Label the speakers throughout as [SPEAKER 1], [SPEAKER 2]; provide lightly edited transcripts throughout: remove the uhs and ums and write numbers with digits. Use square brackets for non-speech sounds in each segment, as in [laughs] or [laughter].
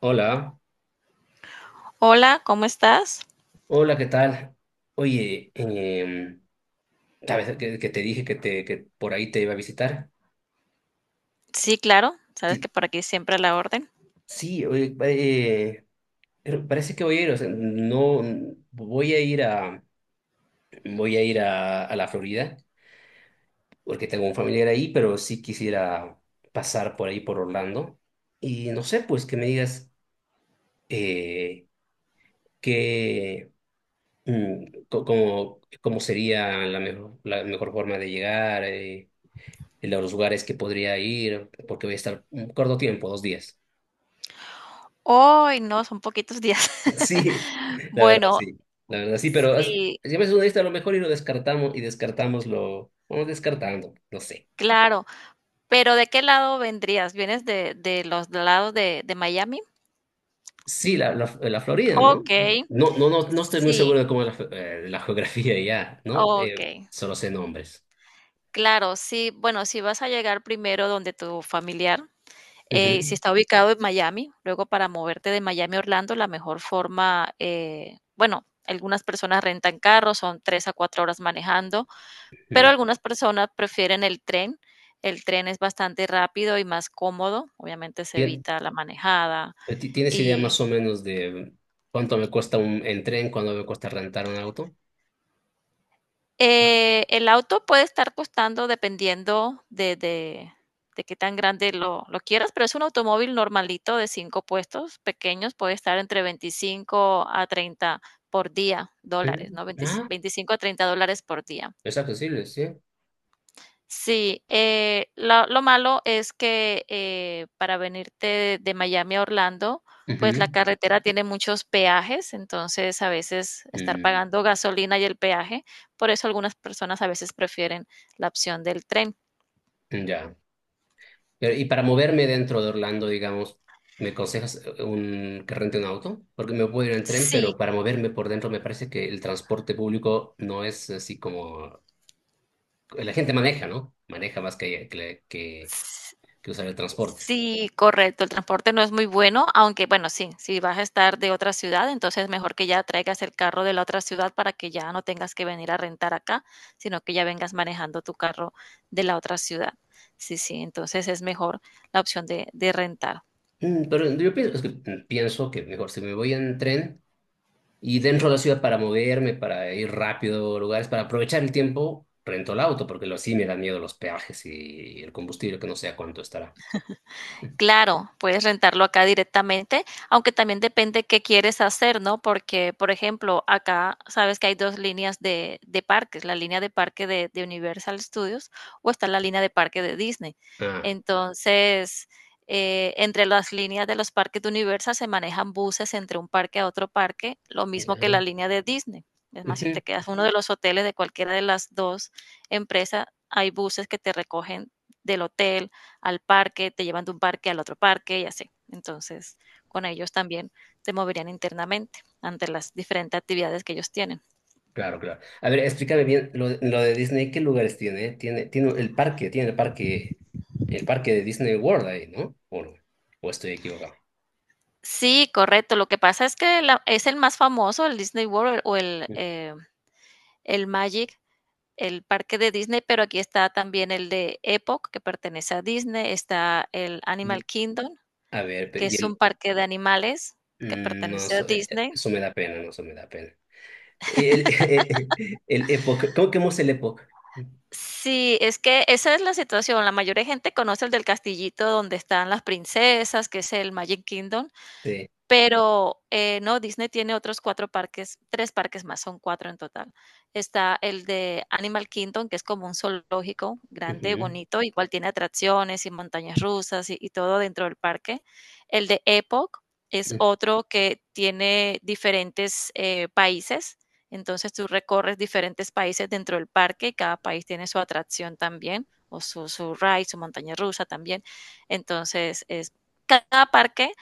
[SPEAKER 1] Hola,
[SPEAKER 2] Hola, ¿cómo estás?
[SPEAKER 1] hola, ¿qué tal? Oye, ¿sabes que te dije que por ahí te iba a visitar?
[SPEAKER 2] Sí, claro, sabes
[SPEAKER 1] Ti-
[SPEAKER 2] que por aquí siempre a la orden.
[SPEAKER 1] Sí, oye, pero parece que voy a ir, o sea, no, voy a ir a, voy a ir a la Florida, porque tengo un familiar ahí, pero sí quisiera pasar por ahí, por Orlando. Y no sé, pues que me digas eh, qué, cómo sería la mejor forma de llegar. En los lugares que podría ir, porque voy a estar un corto tiempo, dos días.
[SPEAKER 2] Hoy no, son poquitos días.
[SPEAKER 1] [laughs] Sí,
[SPEAKER 2] [laughs]
[SPEAKER 1] la verdad
[SPEAKER 2] Bueno,
[SPEAKER 1] sí, la verdad sí.
[SPEAKER 2] sí,
[SPEAKER 1] Siempre es una lista a lo mejor y lo descartamos y descartamos lo, vamos descartando, no sé.
[SPEAKER 2] claro, pero ¿de qué lado vendrías? ¿Vienes de los lados de Miami?
[SPEAKER 1] Sí, la Florida,
[SPEAKER 2] Ok,
[SPEAKER 1] ¿no? No, no, no, no estoy muy
[SPEAKER 2] sí,
[SPEAKER 1] seguro de cómo es la, fe- de la geografía ya, ¿no?
[SPEAKER 2] ok,
[SPEAKER 1] Solo sé nombres.
[SPEAKER 2] claro, sí, bueno, si vas a llegar primero donde tu familiar, si
[SPEAKER 1] Ujú,
[SPEAKER 2] está ubicado en Miami, luego para moverte de Miami a Orlando, la mejor forma, bueno, algunas personas rentan carros, son tres a cuatro horas manejando. Pero
[SPEAKER 1] ujú.
[SPEAKER 2] algunas personas prefieren el tren. El tren es bastante rápido y más cómodo, obviamente se
[SPEAKER 1] Tien-
[SPEAKER 2] evita la manejada
[SPEAKER 1] ¿Tienes idea
[SPEAKER 2] y,
[SPEAKER 1] más o menos de cuánto me cuesta un en tren, cuánto me cuesta rentar un auto?
[SPEAKER 2] el auto puede estar costando dependiendo de qué tan grande lo quieras, pero es un automóvil normalito de 5 puestos, pequeños, puede estar entre 25 a treinta por día, dólares,
[SPEAKER 1] Ujú.
[SPEAKER 2] ¿no? Veintis
[SPEAKER 1] Ah,
[SPEAKER 2] $25 a $30 por día.
[SPEAKER 1] es accesible, sí.
[SPEAKER 2] Sí, lo malo es que para venirte de Miami a Orlando, pues la
[SPEAKER 1] Ujú.
[SPEAKER 2] carretera tiene muchos peajes, entonces a veces estar
[SPEAKER 1] Mm,
[SPEAKER 2] pagando gasolina y el peaje, por eso algunas personas a veces prefieren la opción del tren.
[SPEAKER 1] ya. Pero, y para moverme dentro de Orlando, digamos, ¿me aconsejas que rente un auto? Porque me puedo ir en tren, pero
[SPEAKER 2] Sí,
[SPEAKER 1] para moverme por dentro me parece que el transporte público no es así como... La gente maneja, ¿no? Maneja más que usar el transporte.
[SPEAKER 2] sí, correcto. El transporte no es muy bueno, aunque bueno, sí, si vas a estar de otra ciudad, entonces mejor que ya traigas el carro de la otra ciudad para que ya no tengas que venir a rentar acá, sino que ya vengas manejando tu carro de la otra ciudad. Sí, sí, entonces es mejor la opción de rentar.
[SPEAKER 1] Mm, pero yo pienso, es que, mm, pienso que mejor si me voy en tren y dentro de la ciudad para moverme, para ir rápido a lugares, para aprovechar el tiempo, rento el auto, porque lo sí me dan miedo los peajes y el combustible, que no sé a cuánto estará.
[SPEAKER 2] Claro, puedes rentarlo acá directamente, aunque también depende qué quieres hacer, ¿no? Porque, por ejemplo, acá sabes que hay dos líneas de parques, la línea de parque de Universal Studios o está la línea de parque de Disney.
[SPEAKER 1] Ah.
[SPEAKER 2] Entonces, entre las líneas de los parques de Universal se manejan buses entre un parque a otro parque, lo mismo que la
[SPEAKER 1] Ya.
[SPEAKER 2] línea de Disney. Es más, si
[SPEAKER 1] Ujú.
[SPEAKER 2] te quedas en uno de los hoteles de cualquiera de las dos empresas, hay buses que te recogen del hotel al parque, te llevan de un parque al otro parque y así. Entonces, con ellos también te moverían internamente ante las diferentes actividades que ellos tienen.
[SPEAKER 1] Claro, claro. A ver, explícame bien lo de Disney, ¿qué lugares tiene? Tiene, tiene el parque de Disney World ahí, ¿no? ¿O, no? ¿O estoy equivocado?
[SPEAKER 2] Sí, correcto. Lo que pasa es que es el más famoso, el Disney World o el Magic, el parque de Disney, pero aquí está también el de Epoch, que pertenece a Disney, está el
[SPEAKER 1] Y,
[SPEAKER 2] Animal Kingdom,
[SPEAKER 1] a ver,
[SPEAKER 2] que
[SPEAKER 1] y
[SPEAKER 2] es un
[SPEAKER 1] el,
[SPEAKER 2] parque de animales que
[SPEAKER 1] mm, no,
[SPEAKER 2] pertenece a
[SPEAKER 1] eso,
[SPEAKER 2] Disney.
[SPEAKER 1] eso me da pena, no, eso me da pena. Y el, [laughs] el Epoch, ¿cómo que hemos el Epoch?
[SPEAKER 2] Sí, es que esa es la situación. La mayoría de gente conoce el del castillito donde están las princesas, que es el Magic Kingdom,
[SPEAKER 1] Sí.
[SPEAKER 2] pero, no, Disney tiene otros 4 parques, 3 parques más, son 4 en total. Está el de Animal Kingdom, que es como un zoológico grande,
[SPEAKER 1] Ujú.
[SPEAKER 2] bonito, igual tiene atracciones y montañas rusas y todo dentro del parque. El de Epoch es
[SPEAKER 1] Mm,
[SPEAKER 2] otro que tiene diferentes, países, entonces tú recorres diferentes países dentro del parque y cada país tiene su atracción también, o su ride, su montaña rusa también. Entonces, es cada parque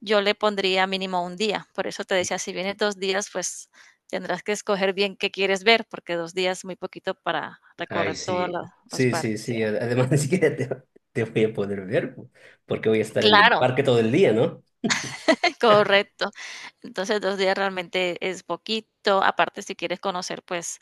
[SPEAKER 2] yo le pondría mínimo un día. Por eso te decía, si vienes dos días, pues tendrás que escoger bien qué quieres ver, porque dos días es muy poquito para
[SPEAKER 1] ay,
[SPEAKER 2] recorrer todos
[SPEAKER 1] sí,
[SPEAKER 2] los
[SPEAKER 1] sí, sí,
[SPEAKER 2] parques. Sí.
[SPEAKER 1] sí. Además, [laughs] ni siquiera te, te voy a poder ver, porque voy a estar en el
[SPEAKER 2] Claro,
[SPEAKER 1] parque todo el día, ¿no?
[SPEAKER 2] [laughs] correcto. Entonces, dos días realmente es poquito. Aparte, si quieres conocer, pues,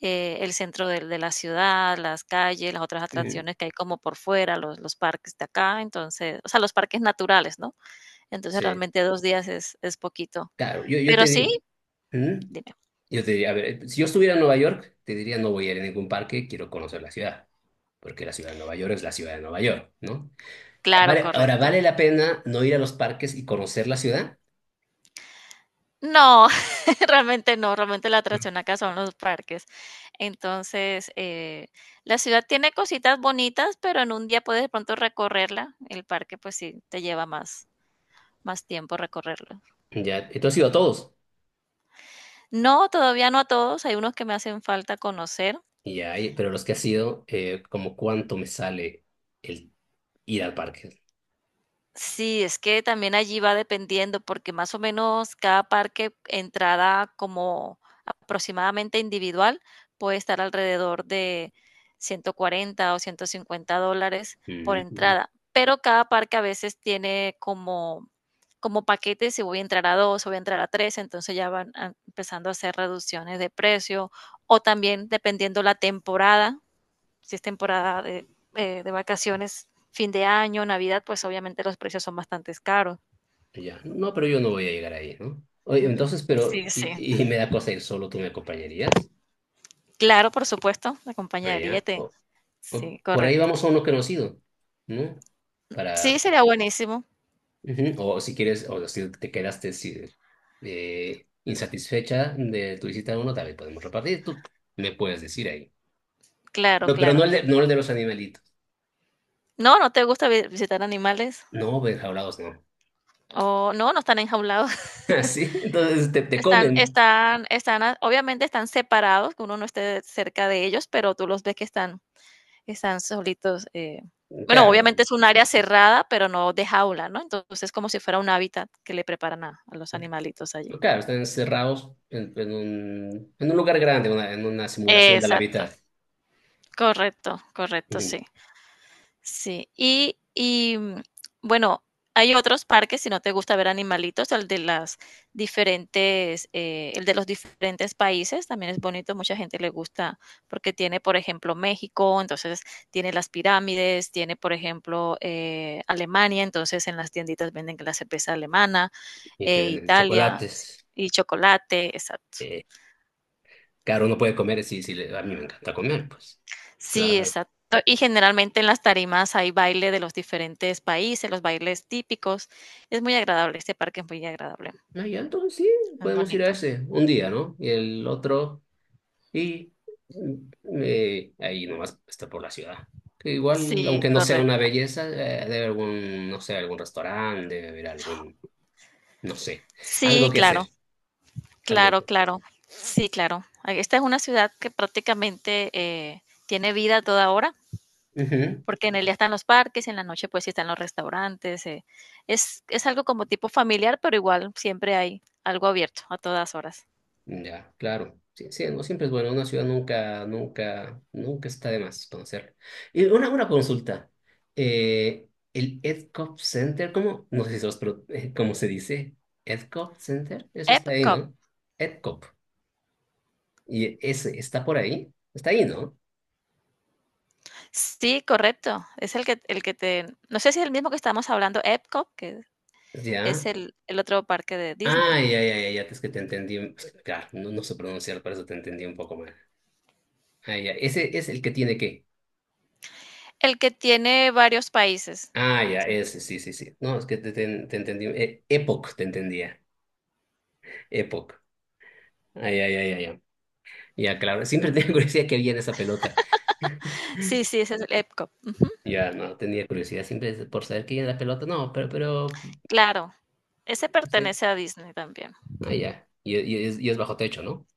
[SPEAKER 2] el centro de la ciudad, las calles, las otras
[SPEAKER 1] Mm.
[SPEAKER 2] atracciones que hay como por fuera, los parques de acá, entonces, o sea, los parques naturales, ¿no? Entonces,
[SPEAKER 1] Sí,
[SPEAKER 2] realmente dos días es poquito.
[SPEAKER 1] claro,
[SPEAKER 2] Pero sí,
[SPEAKER 1] ujú.
[SPEAKER 2] dime.
[SPEAKER 1] Yo te diría, a ver, si yo estuviera en Nueva York, te diría no voy a ir a ningún parque, quiero conocer la ciudad, porque la ciudad de Nueva York es la ciudad de Nueva York, ¿no?
[SPEAKER 2] Claro,
[SPEAKER 1] Vale, ahora,
[SPEAKER 2] correcto.
[SPEAKER 1] ¿vale la pena no ir a los parques y conocer la ciudad?
[SPEAKER 2] No, [laughs] realmente no, realmente la
[SPEAKER 1] No.
[SPEAKER 2] atracción acá son los parques. Entonces, la ciudad tiene cositas bonitas, pero en un día puedes de pronto recorrerla. El parque, pues sí, te lleva más, más tiempo recorrerlo.
[SPEAKER 1] Ya, entonces he ido a todos,
[SPEAKER 2] No, todavía no a todos, hay unos que me hacen falta conocer.
[SPEAKER 1] y ya, pero los que has sido como cuánto me sale el ir al parque.
[SPEAKER 2] Sí, es que también allí va dependiendo, porque más o menos cada parque, entrada como aproximadamente individual, puede estar alrededor de 140 o 150 dólares por
[SPEAKER 1] Ujú.
[SPEAKER 2] entrada. Pero cada parque a veces tiene como, como paquetes, si voy a entrar a dos, o voy a entrar a tres, entonces empezando a hacer reducciones de precio, o también dependiendo la temporada, si es temporada de vacaciones, fin de año, Navidad, pues obviamente los precios son bastante caros.
[SPEAKER 1] Ya, no, no, pero yo no voy a llegar ahí, ¿no? Oye,
[SPEAKER 2] Ujú.
[SPEAKER 1] entonces, pero,
[SPEAKER 2] Sí, sí.
[SPEAKER 1] y me da cosa ir solo, ¿tú me acompañarías?
[SPEAKER 2] Claro, por supuesto, la compañería
[SPEAKER 1] Allá.
[SPEAKER 2] te...
[SPEAKER 1] O
[SPEAKER 2] Sí,
[SPEAKER 1] por ahí
[SPEAKER 2] correcto.
[SPEAKER 1] vamos a uno conocido, ¿no?
[SPEAKER 2] Sí,
[SPEAKER 1] Para,
[SPEAKER 2] sería buenísimo.
[SPEAKER 1] ujú. O si quieres, o si te quedaste si- insatisfecha de tu visita a uno, también podemos repartir. Tú me puedes decir ahí.
[SPEAKER 2] Claro,
[SPEAKER 1] No, pero no
[SPEAKER 2] claro.
[SPEAKER 1] el de, no el de los animalitos.
[SPEAKER 2] No, ¿no te gusta visitar animales?
[SPEAKER 1] No, enjaulados no.
[SPEAKER 2] O no, no están enjaulados. [laughs]
[SPEAKER 1] [laughs] Así, entonces te
[SPEAKER 2] Están,
[SPEAKER 1] comen.
[SPEAKER 2] están, están, obviamente están separados, que uno no esté cerca de ellos, pero tú los ves que están Están solitos. Bueno,
[SPEAKER 1] Claro,
[SPEAKER 2] obviamente es un área cerrada, pero no de jaula, ¿no? Entonces es como si fuera un hábitat que le preparan a los animalitos allí.
[SPEAKER 1] claro, están encerrados en, en un lugar grande, en una simulación de la
[SPEAKER 2] Exacto,
[SPEAKER 1] vida.
[SPEAKER 2] correcto, correcto,
[SPEAKER 1] Ujú.
[SPEAKER 2] sí. Sí, y bueno, hay otros parques, si no te gusta ver animalitos, el de las diferentes, el de los diferentes países también es bonito, mucha gente le gusta porque tiene, por ejemplo, México, entonces tiene las pirámides, tiene, por ejemplo, Alemania, entonces en las tienditas venden la cerveza alemana,
[SPEAKER 1] Y te venden
[SPEAKER 2] Italia sí,
[SPEAKER 1] chocolates.
[SPEAKER 2] y chocolate, exacto.
[SPEAKER 1] Eh, claro, uno puede comer, sí, sí, a mí me encanta comer, pues.
[SPEAKER 2] Sí,
[SPEAKER 1] Claro.
[SPEAKER 2] exacto. Y generalmente en las tarimas hay baile de los diferentes países, los bailes típicos. Es muy agradable, este parque es muy agradable,
[SPEAKER 1] Ah, ya, entonces sí,
[SPEAKER 2] es
[SPEAKER 1] podemos ir a
[SPEAKER 2] bonito.
[SPEAKER 1] ese un día, ¿no? Y el otro, y mm, ahí nomás está por la ciudad. Que igual,
[SPEAKER 2] Sí,
[SPEAKER 1] aunque no sea una
[SPEAKER 2] correcto.
[SPEAKER 1] belleza, debe haber algún, no sé, algún restaurante, debe haber algún, no sé, algo
[SPEAKER 2] Sí,
[SPEAKER 1] que
[SPEAKER 2] claro,
[SPEAKER 1] hacer, algo
[SPEAKER 2] claro,
[SPEAKER 1] que
[SPEAKER 2] claro. Sí, claro. Ah, esta es una ciudad que prácticamente tiene vida a toda hora,
[SPEAKER 1] hacer.
[SPEAKER 2] porque en el día están los parques, en la noche pues sí están los restaurantes. Es algo como tipo familiar, pero igual siempre hay algo abierto a todas horas.
[SPEAKER 1] Ya, claro. Sí, sí, no siempre es bueno. Una ciudad nunca, nunca, nunca está de más conocerla. Y una consulta. Eh, el EdCop Center, ¿cómo? No sé si sos ¿cómo se dice? EdCop Center, eso está ahí,
[SPEAKER 2] Epcot.
[SPEAKER 1] ¿no? EdCop. Y ese está por ahí. Está ahí, ¿no?
[SPEAKER 2] Sí, correcto. Es el que te no sé si es el mismo que estábamos hablando, Epcot, que es
[SPEAKER 1] Ya.
[SPEAKER 2] el otro parque de
[SPEAKER 1] Ah,
[SPEAKER 2] Disney.
[SPEAKER 1] ya, ya, ya, ya, es que te entendí. Es que, claro, no, no sé pronunciar, por eso te entendí un poco mal. Ah, ya. Ese es el que tiene qué.
[SPEAKER 2] El que tiene varios países.
[SPEAKER 1] Ah, ya, ese, sí, sí, sí. No, es que te, te entendí. Epoch te entendía. Epoch. Ay, ay, ay, ay, ay. Ya, claro. Siempre [laughs] tenía curiosidad que había en esa pelota. [laughs]
[SPEAKER 2] Sí, sí, ese es el Epcot.
[SPEAKER 1] Ya, no, tenía curiosidad siempre por saber que había en la pelota. No, pero,
[SPEAKER 2] Claro, ese
[SPEAKER 1] sí.
[SPEAKER 2] pertenece a Disney también.
[SPEAKER 1] Ah, ya. Y es bajo techo, ¿no?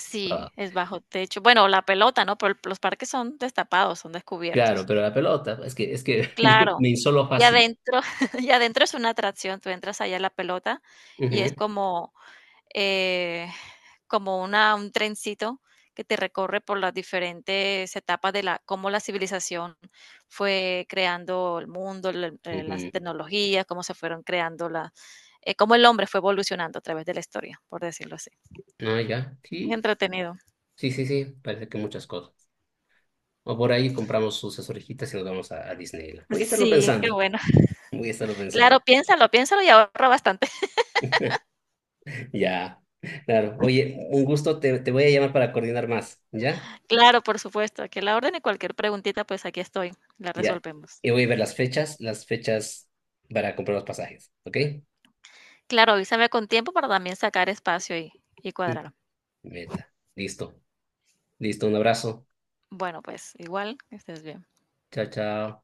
[SPEAKER 2] Sí,
[SPEAKER 1] Ah,
[SPEAKER 2] es bajo techo. Bueno, la pelota, ¿no? Pero los parques son destapados, son
[SPEAKER 1] claro,
[SPEAKER 2] descubiertos.
[SPEAKER 1] pero la pelota, es que [laughs] yo me
[SPEAKER 2] Claro.
[SPEAKER 1] insolo
[SPEAKER 2] Y
[SPEAKER 1] fácil.
[SPEAKER 2] adentro [laughs] y adentro es una atracción, tú entras allá a la pelota y es
[SPEAKER 1] Ujú,
[SPEAKER 2] como eh, como una, un trencito que te recorre por las diferentes etapas de la, cómo la civilización fue creando el mundo, las
[SPEAKER 1] ujú.
[SPEAKER 2] tecnologías, cómo se fueron creando la, cómo el hombre fue evolucionando a través de la historia, por decirlo así.
[SPEAKER 1] Ah, ya.
[SPEAKER 2] Es
[SPEAKER 1] Sí,
[SPEAKER 2] entretenido.
[SPEAKER 1] sí, sí, sí. Parece que muchas cosas. O por ahí compramos sus orejitas y nos vamos a Disneyland. Voy a estarlo
[SPEAKER 2] Sí, qué
[SPEAKER 1] pensando.
[SPEAKER 2] bueno. [laughs]
[SPEAKER 1] Voy a estarlo pensando.
[SPEAKER 2] Claro, piénsalo, piénsalo y ahorra bastante.
[SPEAKER 1] [laughs] Ya, claro. Oye, un gusto, te voy a llamar para coordinar más, ¿ya?
[SPEAKER 2] [laughs] Claro, por supuesto. Aquí a la orden y cualquier preguntita, pues aquí estoy. La
[SPEAKER 1] Ya.
[SPEAKER 2] resolvemos.
[SPEAKER 1] Y voy a ver las fechas para comprar los pasajes, ¿ok?
[SPEAKER 2] Claro, avísame con tiempo para también sacar espacio y cuadrar.
[SPEAKER 1] Meta. Listo. Listo, un abrazo.
[SPEAKER 2] Bueno, pues igual, que estés bien.
[SPEAKER 1] Chao, chao.